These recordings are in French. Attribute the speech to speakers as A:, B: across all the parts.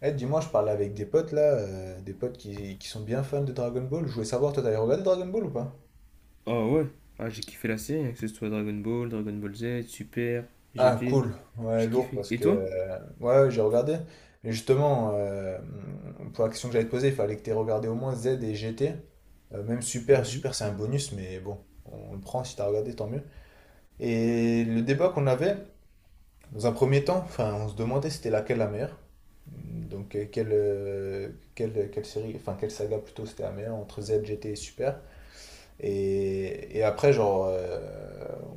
A: Eh, dis-moi, je parlais avec des potes là, des potes qui sont bien fans de Dragon Ball. Je voulais savoir, toi, t'avais regardé Dragon Ball ou pas?
B: Oh ouais, ah, j'ai kiffé la série, hein, que ce soit Dragon Ball, Dragon Ball Z, Super,
A: Ah,
B: GT,
A: cool. Ouais,
B: j'ai
A: lourd
B: kiffé.
A: parce
B: Et
A: que.
B: toi?
A: Ouais, ouais, j'ai regardé. Et justement, pour la question que j'allais te poser, il fallait que t'aies regardé au moins Z et GT. Même Super,
B: Mhm.
A: Super, c'est un bonus, mais bon, on le prend si t'as regardé, tant mieux. Et le débat qu'on avait, dans un premier temps, enfin, on se demandait c'était laquelle la meilleure. Donc, quelle série, enfin, quelle saga plutôt c'était la meilleure entre Z, GT et Super. Et après, genre,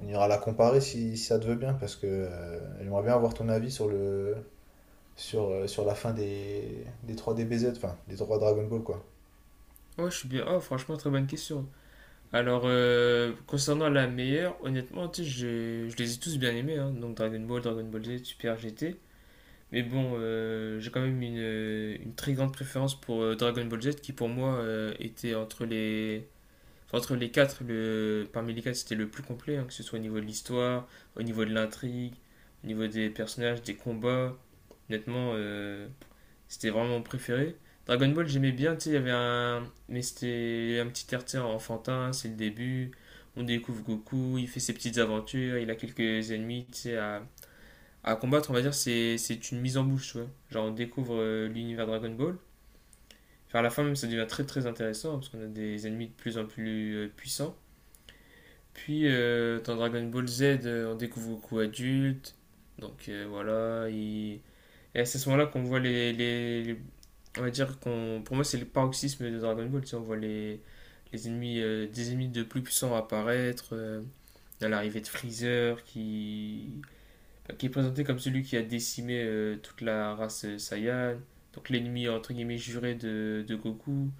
A: on ira la comparer si ça te veut bien, parce que j'aimerais bien avoir ton avis sur la fin des 3 DBZ, enfin, des 3 Dragon Ball, quoi.
B: Ouais, je suis bien. Oh, franchement, très bonne question. Alors, concernant la meilleure, honnêtement, tu sais, je les ai tous bien aimés, hein. Donc Dragon Ball, Dragon Ball Z, Super GT. Mais bon, j'ai quand même une très grande préférence pour Dragon Ball Z qui, pour moi, était enfin, entre les quatre, parmi les quatre, c'était le plus complet, hein, que ce soit au niveau de l'histoire, au niveau de l'intrigue, au niveau des personnages, des combats. Honnêtement, c'était vraiment mon préféré. Dragon Ball, j'aimais bien, tu sais, il y avait un. Mais c'était un petit RT enfantin, c'est le début. On découvre Goku, il fait ses petites aventures, il a quelques ennemis, tu sais, à combattre, on va dire, c'est une mise en bouche, ouais. Genre, on découvre l'univers Dragon Ball. Enfin, à la fin, même, ça devient très très intéressant, hein, parce qu'on a des ennemis de plus en plus puissants. Puis dans Dragon Ball Z, on découvre Goku adulte. Donc voilà, et c'est à ce moment-là qu'on voit on va dire qu'on... Pour moi, c'est le paroxysme de Dragon Ball. Tu sais, on voit des ennemis de plus puissants apparaître. À l'arrivée de Freezer, enfin, qui est présenté comme celui qui a décimé toute la race Saiyan. Donc l'ennemi, entre guillemets, juré de Goku.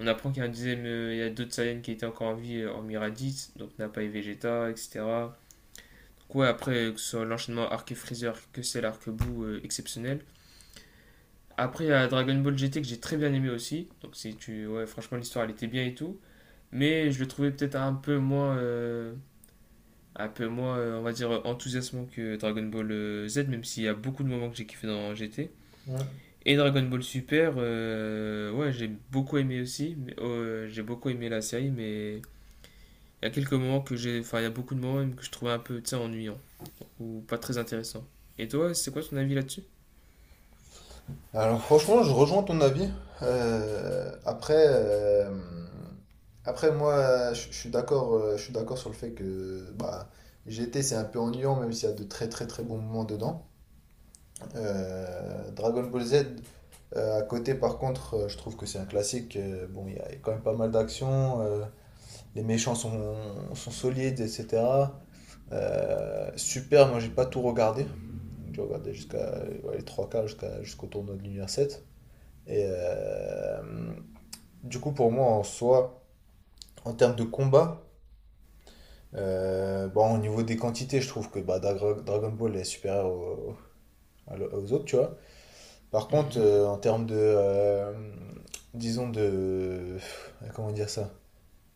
B: On apprend qu'il y a d'autres Saiyans qui étaient encore en vie, hormis Raditz, donc Nappa et Vegeta, etc. Donc ouais, après, que ce soit l'enchaînement Arc et Freezer, que c'est l'arc bout exceptionnel. Après, il y a Dragon Ball GT que j'ai très bien aimé aussi. Donc, si tu... ouais, franchement, l'histoire elle était bien et tout. Mais je le trouvais peut-être un peu moins, on va dire, enthousiasmant que Dragon Ball Z, même s'il y a beaucoup de moments que j'ai kiffé dans GT.
A: Mm.
B: Et Dragon Ball Super, ouais, j'ai beaucoup aimé aussi. Mais, j'ai beaucoup aimé la série, mais il y a quelques moments que j'ai. Enfin, il y a beaucoup de moments même que je trouvais un peu, tu sais, ennuyant ou pas très intéressant. Et toi, c'est quoi ton avis là-dessus?
A: Alors, franchement, je rejoins ton avis. Euh, après, euh, Après, moi, je suis d'accord, je suis d'accord sur le fait que bah, GT, c'est un peu ennuyant, même s'il y a de très très très bons moments dedans. Dragon Ball Z, à côté, par contre, je trouve que c'est un classique. Bon, il y a quand même pas mal d'actions. Les méchants sont solides, etc. Super, moi j'ai pas tout regardé. Donc, j'ai regardé jusqu'à ouais, les trois quarts, jusqu'au tournoi de l'univers 7. Et euh, du coup, pour moi, en soi, en termes de combat, bon, au niveau des quantités, je trouve que bah, Dragon Ball est supérieur aux autres, tu vois. Par contre,
B: Mhm.
A: en termes disons comment dire ça,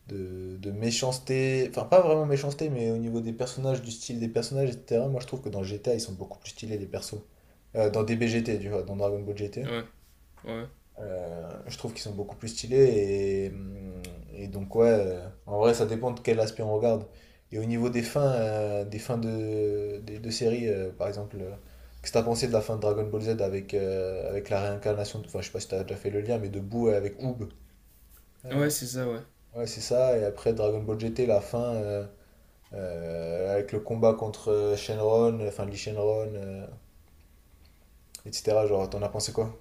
A: de méchanceté, enfin pas vraiment méchanceté, mais au niveau des personnages, du style des personnages, etc. Moi, je trouve que dans GTA, ils sont beaucoup plus stylés les persos. Dans DBGT, tu vois, dans Dragon Ball GT.
B: Ouais, ouais.
A: Je trouve qu'ils sont beaucoup plus stylés et, hum, et donc ouais, en vrai ça dépend de quel aspect on regarde. Et au niveau des fins, de séries, par exemple, qu'est-ce que t'as pensé de la fin de Dragon Ball Z avec, avec la réincarnation, enfin je sais pas si t'as déjà fait le lien, mais de Boo avec Oob.
B: Ouais,
A: Euh,
B: c'est ça, ouais.
A: ouais c'est ça, et après Dragon Ball GT, la fin avec le combat contre Shenron, enfin Lee Shenron, etc. Genre t'en as pensé quoi?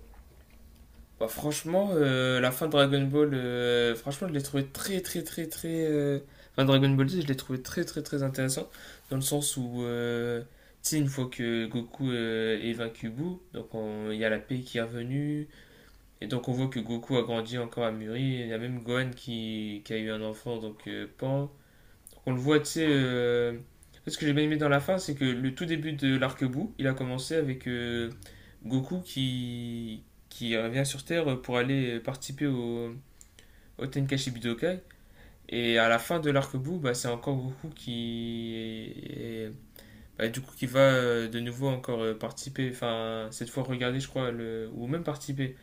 B: Bah, franchement, la fin de Dragon Ball, franchement, je l'ai trouvé très, très, très, très. Enfin, Dragon Ball Z, je l'ai trouvé très, très, très intéressant. Dans le sens où, tu sais, une fois que Goku est vaincu Buu, donc il y a la paix qui est revenue. Et donc, on voit que Goku a grandi encore à mûri. Il y a même Gohan qui a eu un enfant, donc Pan. On le voit, tu sais. Ce que j'ai bien aimé dans la fin, c'est que le tout début de l'arc-bout, il a commencé avec Goku qui revient sur Terre pour aller participer au Tenkaichi Budokai. Et à la fin de l'arc-bout, bah, c'est encore Goku bah, du coup, qui va de nouveau encore participer, enfin, cette fois regarder, je crois, ou même participer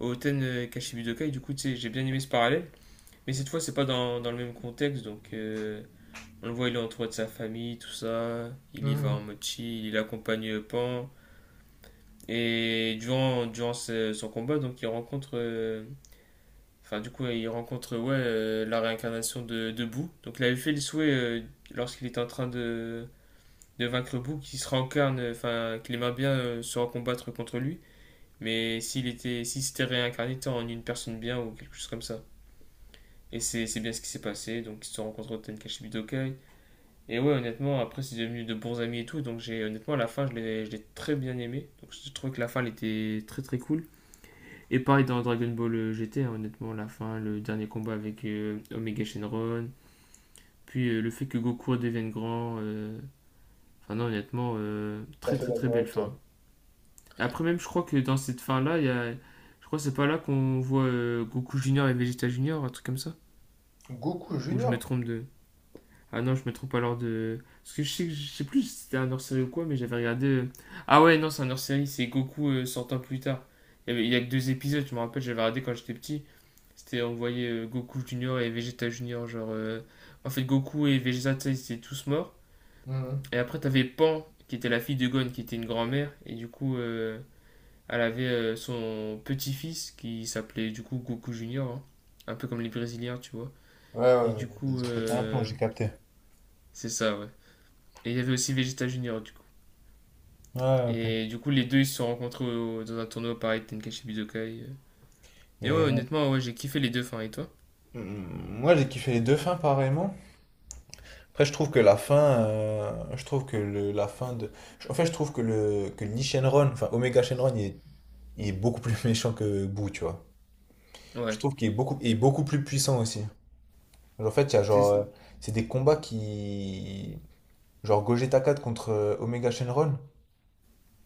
B: au Tenkaichi Budokai. Du coup, tu sais, j'ai bien aimé ce parallèle. Mais cette fois, c'est pas dans le même contexte, donc on le voit, il est entouré de sa famille, tout ça. Il y va en
A: Mhm.
B: mode chill, il accompagne Pan. Et durant son combat, donc du coup, il rencontre ouais, la réincarnation de Boo. Donc, il avait fait le souhait lorsqu'il était en train de vaincre Boo qu'il se réincarne, enfin, qu'il aimerait bien se recombattre contre lui. Mais s'il s'était réincarné tant en une personne bien ou quelque chose comme ça. Et c'est bien ce qui s'est passé. Donc, ils se rencontrent au Tenkaichi Budokai. Et ouais, honnêtement, après, c'est devenu de bons amis et tout. Donc, j'ai honnêtement, à la fin, je l'ai très bien aimé. Donc, je trouve que la fin, elle était très très cool. Et pareil dans Dragon Ball GT, hein, honnêtement, la fin, le dernier combat avec Omega Shenron. Puis le fait que Goku devienne grand. Enfin, non, honnêtement,
A: Tout à
B: très
A: fait
B: très très
A: d'accord
B: belle
A: avec toi.
B: fin. Après, même, je crois que dans cette fin-là, il y a. Je crois que c'est pas là qu'on voit Goku Junior et Vegeta Junior, un truc comme ça.
A: Goku
B: Ou je
A: Junior?
B: me trompe de. Ah non, je me trompe alors de. Parce que je sais, je sais plus si c'était un hors-série ou quoi, mais j'avais regardé. Ah ouais, non, c'est un hors-série, c'est Goku 100 ans plus tard. Il y a que deux épisodes, je me rappelle, j'avais regardé quand j'étais petit. C'était, on voyait Goku Junior et Vegeta Junior, genre. En fait, Goku et Vegeta, ils étaient tous morts. Et après, t'avais Pan, qui était la fille de Gon, qui était une grand-mère, et du coup, elle avait son petit-fils qui s'appelait du coup Goku Junior, hein. Un peu comme les Brésiliens, tu vois.
A: Ouais, ouais,
B: Et
A: ouais,
B: du
A: ils
B: coup,
A: ont pété un plomb, j'ai capté.
B: c'est ça, ouais. Et il y avait aussi Vegeta Junior, du coup.
A: Ouais, ok.
B: Et du coup, les deux, ils se sont rencontrés dans un tournoi pareil, Tenkaichi Budokai. Et ouais,
A: Mais
B: honnêtement, ouais, j'ai kiffé les deux fins. Et toi?
A: moi, j'ai kiffé les deux fins pareillement. Après, je trouve que la fin, je trouve que la fin de, en fait, je trouve que Lee Shenron, enfin Omega Shenron, il est beaucoup plus méchant que Boo, tu vois.
B: Ouais.
A: Je trouve qu'il est il est beaucoup plus puissant aussi. En fait, il y a genre,
B: C'est-
A: c'est des combats qui, genre Gogeta 4 contre Omega Shenron.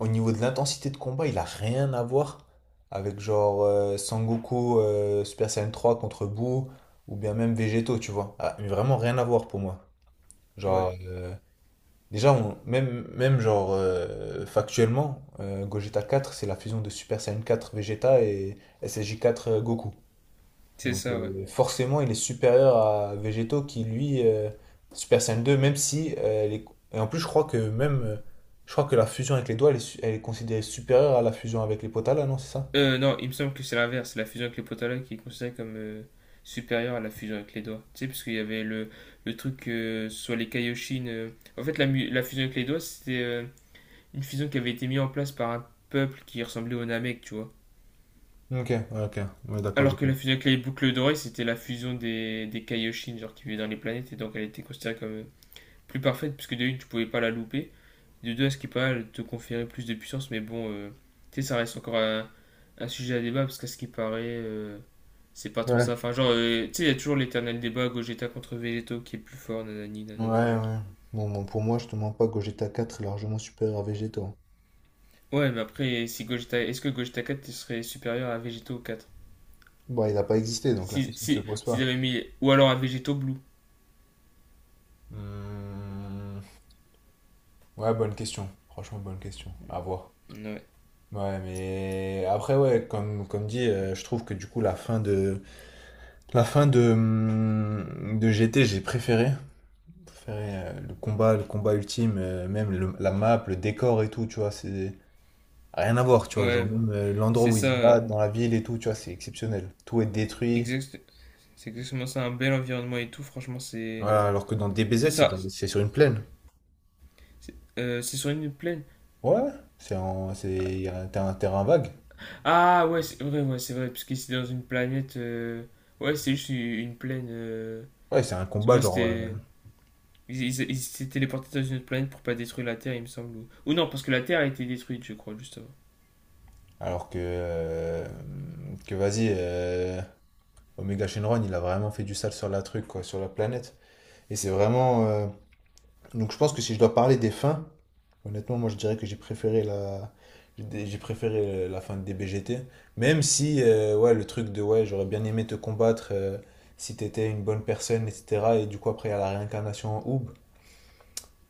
A: Au niveau de l'intensité de combat, il a rien à voir avec genre Sangoku Super Saiyan 3 contre Buu ou bien même Végétaux, tu vois. Ah, mais vraiment rien à voir pour moi.
B: Ouais,
A: Genre, déjà, même, même genre factuellement, Gogeta 4, c'est la fusion de Super Saiyan 4 Vegeta et SSJ 4 Goku.
B: c'est
A: Donc
B: ça, ouais.
A: forcément, il est supérieur à Végétaux qui, lui, Super Saiyan 2, même si. Et en plus, je crois que même. Je crois que la fusion avec les doigts, elle est, elle est considérée supérieure à la fusion avec les potas, là, non, c'est ça?
B: Non, il me semble que c'est l'inverse. La fusion avec les potala qui est considérée comme supérieure à la fusion avec les doigts. Tu sais, parce qu'il y avait le truc sur les Kaioshin. En fait, la fusion avec les doigts, c'était une fusion qui avait été mise en place par un peuple qui ressemblait aux Namek, tu vois.
A: Ok, ouais, ok, ouais, d'accord, j'ai
B: Alors que la
A: compris.
B: fusion avec les boucles dorées, c'était la fusion des Kaioshin, genre qui vivaient dans les planètes, et donc elle était considérée comme plus parfaite, puisque de une, tu pouvais pas la louper, de deux, à ce qui est pas elle te conférait plus de puissance, mais bon, tu sais, ça reste encore un sujet à débat, parce qu'à ce qui paraît, c'est pas trop
A: Ouais.
B: ça. Enfin, genre, tu sais, il y a toujours l'éternel débat Gogeta contre Vegeto qui est plus fort, nanani,
A: Ouais,
B: nanana.
A: ouais. Bon, pour moi, je te mens pas, Gogeta 4 est largement supérieur à Végétaux.
B: Ouais, mais après, si Gogeta, est-ce que Gogeta 4 serait supérieur à Vegeto 4?
A: Bon, il n'a pas existé, donc la
B: Si,
A: question ne se
B: si,
A: pose
B: s'ils
A: pas.
B: avaient mis, ou alors à Vegeto Blue.
A: Hmm, Ouais, bonne question. Franchement, bonne question. À voir.
B: Ouais,
A: Ouais, mais après, ouais, comme dit, je trouve que du coup, la fin de GT, j'ai préféré. Préféré le combat ultime, même la map, le décor et tout, tu vois, c'est rien à voir, tu vois. Genre,
B: ouais,
A: même l'endroit
B: c'est
A: où ils se
B: ça.
A: battent dans la ville et tout, tu vois, c'est exceptionnel. Tout est détruit.
B: Exact, c'est exactement ça, un bel environnement et tout, franchement, c'est.
A: Voilà, alors que dans
B: C'est
A: DBZ,
B: ça.
A: c'est sur une plaine.
B: C'est sur une plaine.
A: Ouais, ouais. C'est en, c'est, y a un, t'as un terrain vague.
B: Ah ouais, c'est vrai, parce que c'est dans une planète. Ouais, c'est juste une plaine.
A: Ouais, c'est un combat,
B: Ouais,
A: genre.
B: c'était. Ils s'étaient téléportés dans une autre planète pour pas détruire la Terre, il me semble. Ou non, parce que la Terre a été détruite, je crois, juste avant.
A: Alors que. Que vas-y, Omega Shenron, il a vraiment fait du sale sur la truc, quoi, sur la planète. Et c'est vraiment. Donc je pense que si je dois parler des fins, honnêtement, moi je dirais que j'ai préféré la fin de DBGT. Même si ouais, le truc de ouais, j'aurais bien aimé te combattre si t'étais une bonne personne, etc. Et du coup, après, il y a la réincarnation en Oub.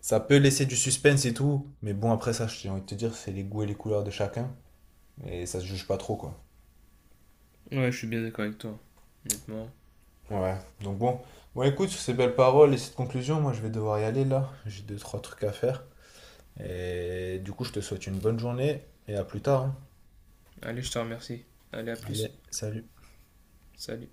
A: Ça peut laisser du suspense et tout. Mais bon, après ça, j'ai envie de te dire, c'est les goûts et les couleurs de chacun. Et ça se juge pas trop, quoi.
B: Ouais, je suis bien d'accord avec toi, honnêtement.
A: Ouais. Donc bon. Bon, écoute, sur ces belles paroles et cette conclusion, moi je vais devoir y aller là. J'ai deux, trois trucs à faire. Et du coup, je te souhaite une bonne journée et à plus tard, hein.
B: Allez, je te remercie. Allez, à plus.
A: Allez, salut.
B: Salut.